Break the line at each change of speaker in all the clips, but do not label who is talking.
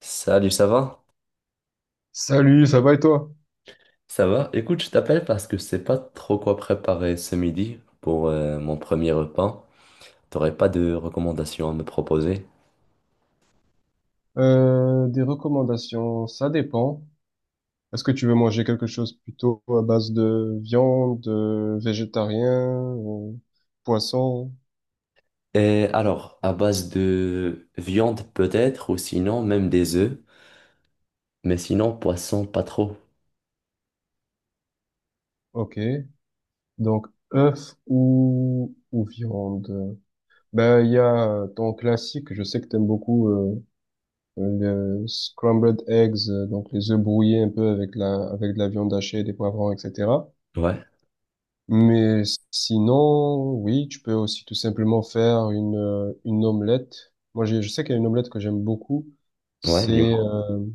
Salut, ça va?
Salut, ça va et toi?
Ça va? Écoute, je t'appelle parce que je sais pas trop quoi préparer ce midi pour mon premier repas. T'aurais pas de recommandations à me proposer?
Des recommandations, ça dépend. Est-ce que tu veux manger quelque chose plutôt à base de viande, végétarien, ou poisson?
Et alors, à base de viande peut-être, ou sinon même des œufs, mais sinon poisson pas trop.
Ok. Donc, œuf ou viande? Ben, il y a ton classique, je sais que t'aimes beaucoup le scrambled eggs, donc les œufs brouillés un peu avec avec de la viande hachée, des poivrons, etc.
Ouais,
Mais sinon, oui, tu peux aussi tout simplement faire une omelette. Moi, je sais qu'il y a une omelette que j'aime beaucoup.
ouais,
C'est
dis-moi.
euh,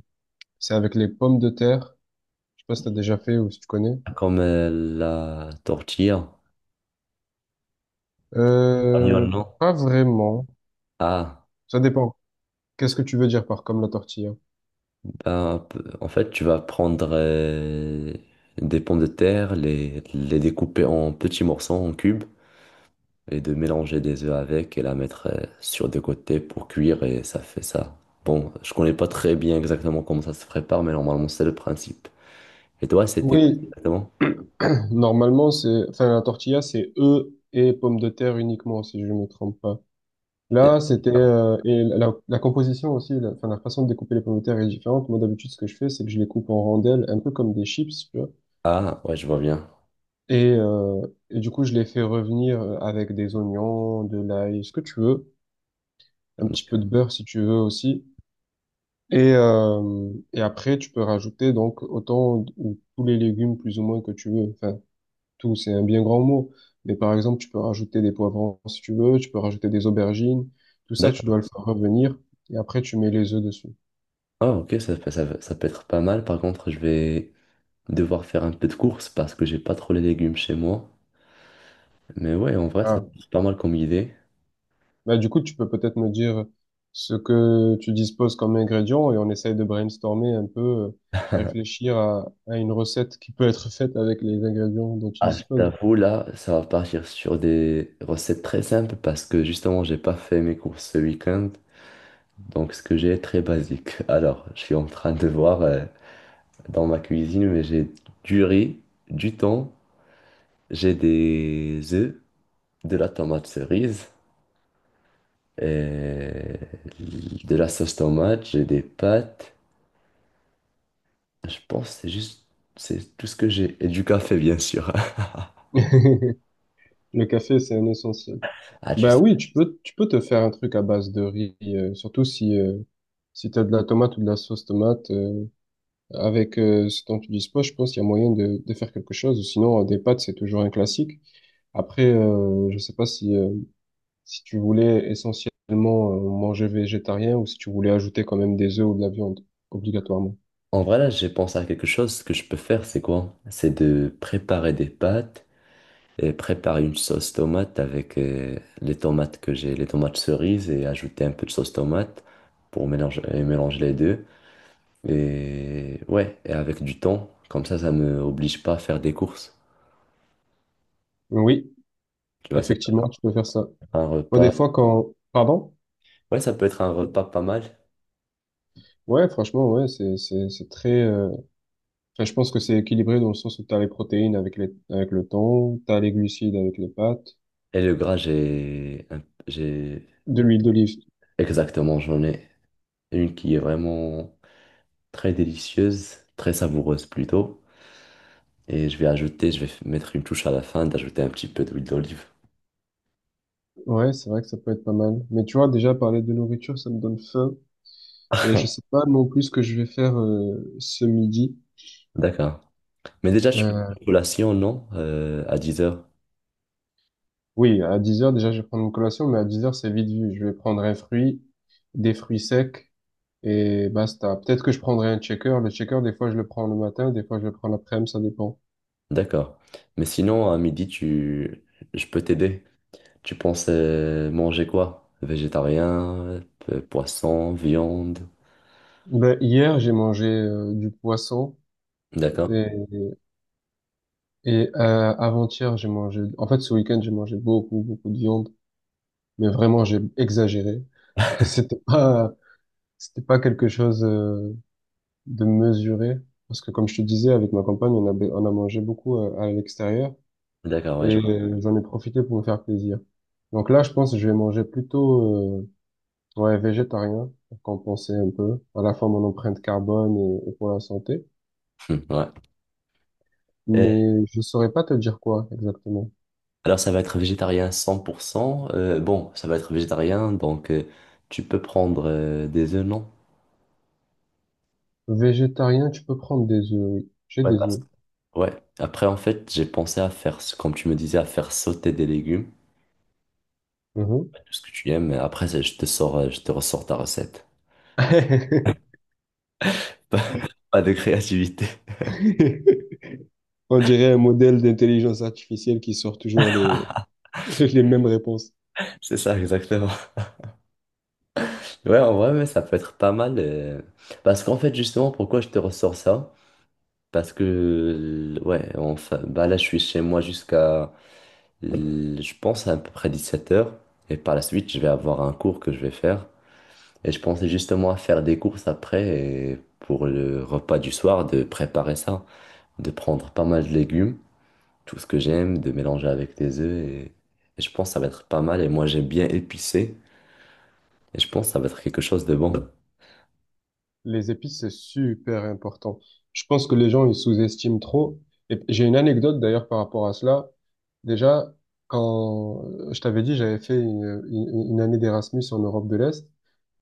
c'est avec les pommes de terre. Je sais pas si t'as déjà fait ou si tu connais.
Comme la tortilla.
Euh,
Espagnol, non?
Pas vraiment.
Ah,
Ça dépend. Qu'est-ce que tu veux dire par comme la tortilla?
ben, en fait, tu vas prendre des pommes de terre, les découper en petits morceaux, en cubes. Et de mélanger des œufs avec et la mettre sur des côtés pour cuire et ça fait ça. Bon, je connais pas très bien exactement comment ça se prépare, mais normalement c'est le principe. Et toi, c'était quoi
Oui,
exactement?
normalement, enfin, la tortilla, c'est œufs et pommes de terre uniquement, si je ne me trompe pas. Là, c'était et la composition aussi, enfin, la façon de découper les pommes de terre est différente. Moi, d'habitude, ce que je fais, c'est que je les coupe en rondelles, un peu comme des chips, tu vois.
Ah, ouais, je vois bien.
Et, euh, et du coup, je les fais revenir avec des oignons, de l'ail, ce que tu veux, un petit peu de
D'accord.
beurre si tu veux aussi. Et après, tu peux rajouter donc autant d- ou tous les légumes plus ou moins que tu veux. Enfin, tout, c'est un bien grand mot. Mais par exemple, tu peux rajouter des poivrons si tu veux, tu peux rajouter des aubergines. Tout ça, tu
D'accord.
dois le faire revenir. Et après, tu mets les œufs dessus.
Ah, ok, ça peut être pas mal. Par contre, je vais devoir faire un peu de course parce que j'ai pas trop les légumes chez moi. Mais ouais, en vrai, ça
Ah.
peut être pas mal comme idée.
Bah, du coup, tu peux peut-être me dire ce que tu disposes comme ingrédients et on essaye de brainstormer un peu, réfléchir à une recette qui peut être faite avec les ingrédients dont tu
Ah, je
disposes.
t'avoue, là, ça va partir sur des recettes très simples parce que justement, j'ai pas fait mes courses ce week-end. Donc ce que j'ai est très basique. Alors, je suis en train de voir dans ma cuisine, mais j'ai du riz, du thon, j'ai des œufs, de la tomate cerise, et de la sauce tomate, j'ai des pâtes. Je pense que c'est tout ce que j'ai. Et du café, bien sûr.
Le café, c'est un essentiel.
Ah, tu
Bah
sais.
oui, tu peux te faire un truc à base de riz, surtout si, si tu as de la tomate ou de la sauce tomate. Avec ce dont tu disposes, je pense qu'il y a moyen de faire quelque chose. Ou sinon, des pâtes, c'est toujours un classique. Après, je sais pas si tu voulais essentiellement manger végétarien ou si tu voulais ajouter quand même des œufs ou de la viande, obligatoirement.
En vrai, là, j'ai pensé à quelque chose. Ce que je peux faire, c'est quoi? C'est de préparer des pâtes et préparer une sauce tomate avec les tomates que j'ai, les tomates cerises et ajouter un peu de sauce tomate pour mélanger, et mélanger les deux. Et ouais, et avec du thon, comme ça me oblige pas à faire des courses.
Oui,
Tu vois, ça peut
effectivement,
être
tu peux faire ça.
un
Moi, des
repas.
fois, quand... Pardon?
Ouais, ça peut être un repas pas mal.
Ouais, franchement, ouais, c'est enfin, je pense que c'est équilibré dans le sens où tu as les protéines avec avec le thon, tu as les glucides avec les pâtes,
Et le gras, j'ai,
de l'huile d'olive.
exactement, j'en ai une qui est vraiment très délicieuse, très savoureuse plutôt. Et je vais ajouter, je vais mettre une touche à la fin d'ajouter un petit peu d'huile d'olive.
Ouais, c'est vrai que ça peut être pas mal. Mais tu vois, déjà, parler de nourriture, ça me donne faim. Et je sais pas non plus ce que je vais faire ce midi.
D'accord. Mais déjà, tu prends
Euh,
une collation, non? À 10 heures.
Oui, à 10 heures déjà, je vais prendre une collation, mais à 10 heures c'est vite vu. Je vais prendre un fruit, des fruits secs, et basta. Peut-être que je prendrai un checker. Le checker des fois, je le prends le matin, des fois, je le prends l'après-midi, ça dépend.
D'accord. Mais sinon, à midi, tu... je peux t'aider. Tu penses manger quoi? Végétarien, poisson, viande.
Ben, hier, j'ai mangé du poisson,
D'accord?
et, et avant-hier, j'ai mangé... En fait, ce week-end, j'ai mangé beaucoup, beaucoup de viande, mais vraiment, j'ai exagéré. C'était pas, c'était pas quelque chose de mesuré, parce que, comme je te disais, avec ma compagne, on a mangé beaucoup à l'extérieur.
D'accord,
Et
ouais, je vois.
j'en ai profité pour me faire plaisir. Donc là, je pense que je vais manger plutôt ouais, végétarien pour compenser un peu, à la fois mon empreinte carbone et pour la santé.
Ouais. Et
Mais je saurais pas te dire quoi exactement.
alors, ça va être végétarien 100%. Bon, ça va être végétarien, donc tu peux prendre des œufs, non?
Végétarien, tu peux prendre des œufs, oui. J'ai
Ouais,
des
parce-
œufs.
ouais. Après, en fait, j'ai pensé à faire, comme tu me disais, à faire sauter des légumes,
Mhm.
tout ce que tu aimes. Mais après, je te ressors ta recette. Pas pas de créativité.
On dirait un modèle d'intelligence artificielle qui sort toujours les mêmes réponses.
C'est ça, exactement. Ouais, en vrai, mais ça peut être pas mal. Parce qu'en fait, justement, pourquoi je te ressors ça? Parce que, ouais, enfin, bah là, je suis chez moi jusqu'à, je pense, à peu près 17 heures. Et par la suite, je vais avoir un cours que je vais faire. Et je pensais justement à faire des courses après et pour le repas du soir, de préparer ça, de prendre pas mal de légumes, tout ce que j'aime, de mélanger avec des œufs. Et je pense que ça va être pas mal. Et moi, j'aime bien épicé. Et je pense que ça va être quelque chose de bon.
Les épices, c'est super important. Je pense que les gens, ils sous-estiment trop. Et j'ai une anecdote d'ailleurs par rapport à cela. Déjà, quand je t'avais dit, j'avais fait une année d'Erasmus en Europe de l'Est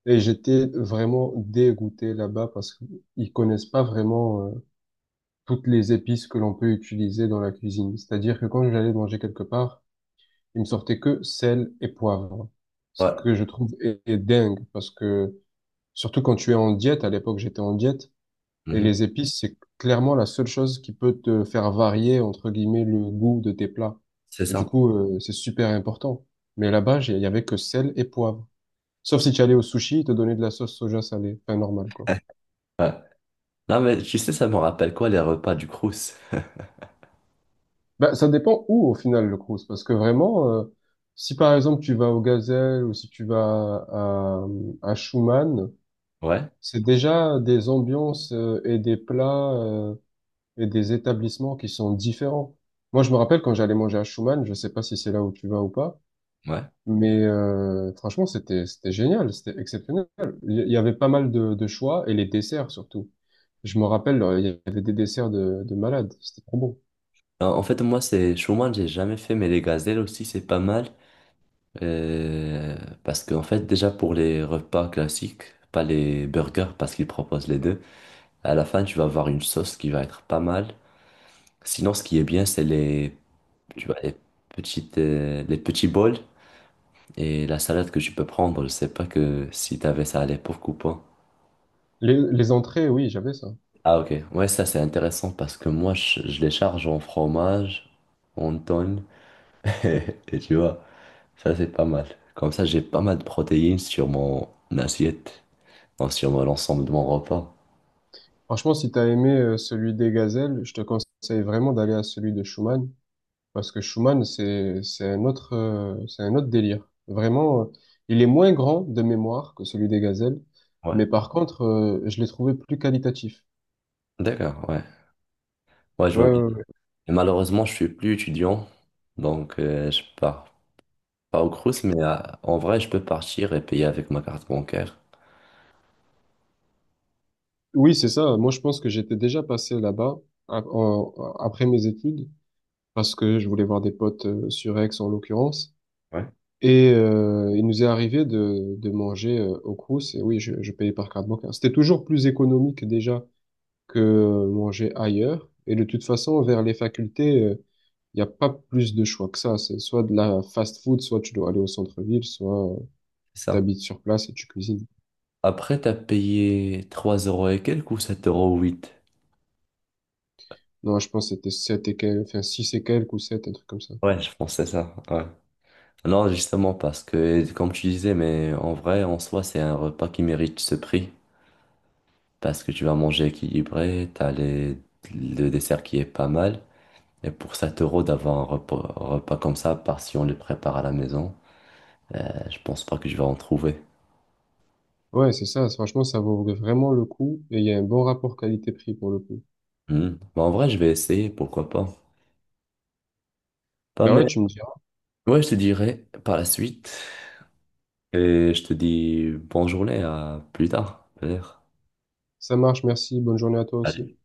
et j'étais vraiment dégoûté là-bas parce qu'ils connaissent pas vraiment toutes les épices que l'on peut utiliser dans la cuisine. C'est-à-dire que quand j'allais manger quelque part, ils me sortaient que sel et poivre. Ce
Ouais,
que je trouve est dingue parce que surtout quand tu es en diète, à l'époque j'étais en diète, et
mhm.
les épices, c'est clairement la seule chose qui peut te faire varier, entre guillemets, le goût de tes plats.
C'est
Et du
ça,
coup, c'est super important. Mais là-bas, il y avait que sel et poivre. Sauf si tu allais au sushi, ils te donnaient de la sauce soja salée. Enfin, normal, quoi.
ouais. Non, mais tu sais, ça me rappelle quoi les repas du Crous?
Ben ça dépend où, au final, le cruise. Parce que vraiment, si par exemple, tu vas au Gazelle ou si tu vas à Schumann,
Ouais.
c'est déjà des ambiances et des plats et des établissements qui sont différents. Moi, je me rappelle quand j'allais manger à Schumann, je sais pas si c'est là où tu vas ou pas,
Ouais.
mais franchement, c'était génial, c'était exceptionnel. Il y avait pas mal de choix et les desserts surtout. Je me rappelle, il y avait des desserts de malades, c'était trop bon.
En fait, moi, c'est Chouman, j'ai jamais fait, mais les gazelles aussi, c'est pas mal. Euh, parce qu'en fait, déjà pour les repas classiques, pas les burgers, parce qu'ils proposent les deux, à la fin, tu vas avoir une sauce qui va être pas mal. Sinon, ce qui est bien, c'est les, tu vois, les petits bols et la salade que tu peux prendre. Je sais pas que si t'avais ça à l'époque ou pas.
Les entrées, oui, j'avais ça.
Ah ok, ouais, ça c'est intéressant parce que je les charge en fromage, en tonne, et et tu vois, ça c'est pas mal. Comme ça j'ai pas mal de protéines sur mon assiette, enfin, l'ensemble de mon repas.
Franchement, si t'as aimé celui des gazelles, je te conseille vraiment d'aller à celui de Schumann. Parce que Schumann, c'est un autre délire. Vraiment, il est moins grand de mémoire que celui des gazelles,
Ouais.
mais par contre, je l'ai trouvé plus qualitatif.
D'accord, ouais. Ouais, je
Ouais,
vois
ouais,
bien.
ouais.
Et malheureusement je suis plus étudiant, donc je pars pas au Crous, mais en vrai je peux partir et payer avec ma carte bancaire.
Oui, c'est ça. Moi, je pense que j'étais déjà passé là-bas a- en- après mes études, parce que je voulais voir des potes sur Aix en l'occurrence.
Ouais.
Et il nous est arrivé de manger au Crous, et oui, je payais par carte bancaire. C'était toujours plus économique déjà que manger ailleurs. Et de toute façon, vers les facultés. Il n'y a pas plus de choix que ça. C'est soit de la fast food, soit tu dois aller au centre-ville, soit
C'est ça.
t'habites sur place et tu cuisines.
Après t'as payé 3 euros et quelques ou 7 euros 8.
Non, je pense que c'était 7 et quelques, enfin 6 et quelques ou 7 un truc comme ça.
Ouais je pensais ça, ouais. Non, justement, parce que, comme tu disais, mais en vrai, en soi, c'est un repas qui mérite ce prix. Parce que tu vas manger équilibré, t'as les... le dessert qui est pas mal. Et pour 7 euros d'avoir un repas comme ça, par si on le prépare à la maison, je pense pas que je vais en trouver.
Ouais, c'est ça. Franchement, ça vaut vraiment le coup et il y a un bon rapport qualité-prix pour le coup.
Hmm. Mais en vrai, je vais essayer, pourquoi pas. Pas
Bah ouais,
mais...
tu me diras.
Ouais, je te dirai par la suite. Et je te dis bonne journée, à plus tard, peut-être.
Ça marche, merci. Bonne journée à toi aussi.
Allez.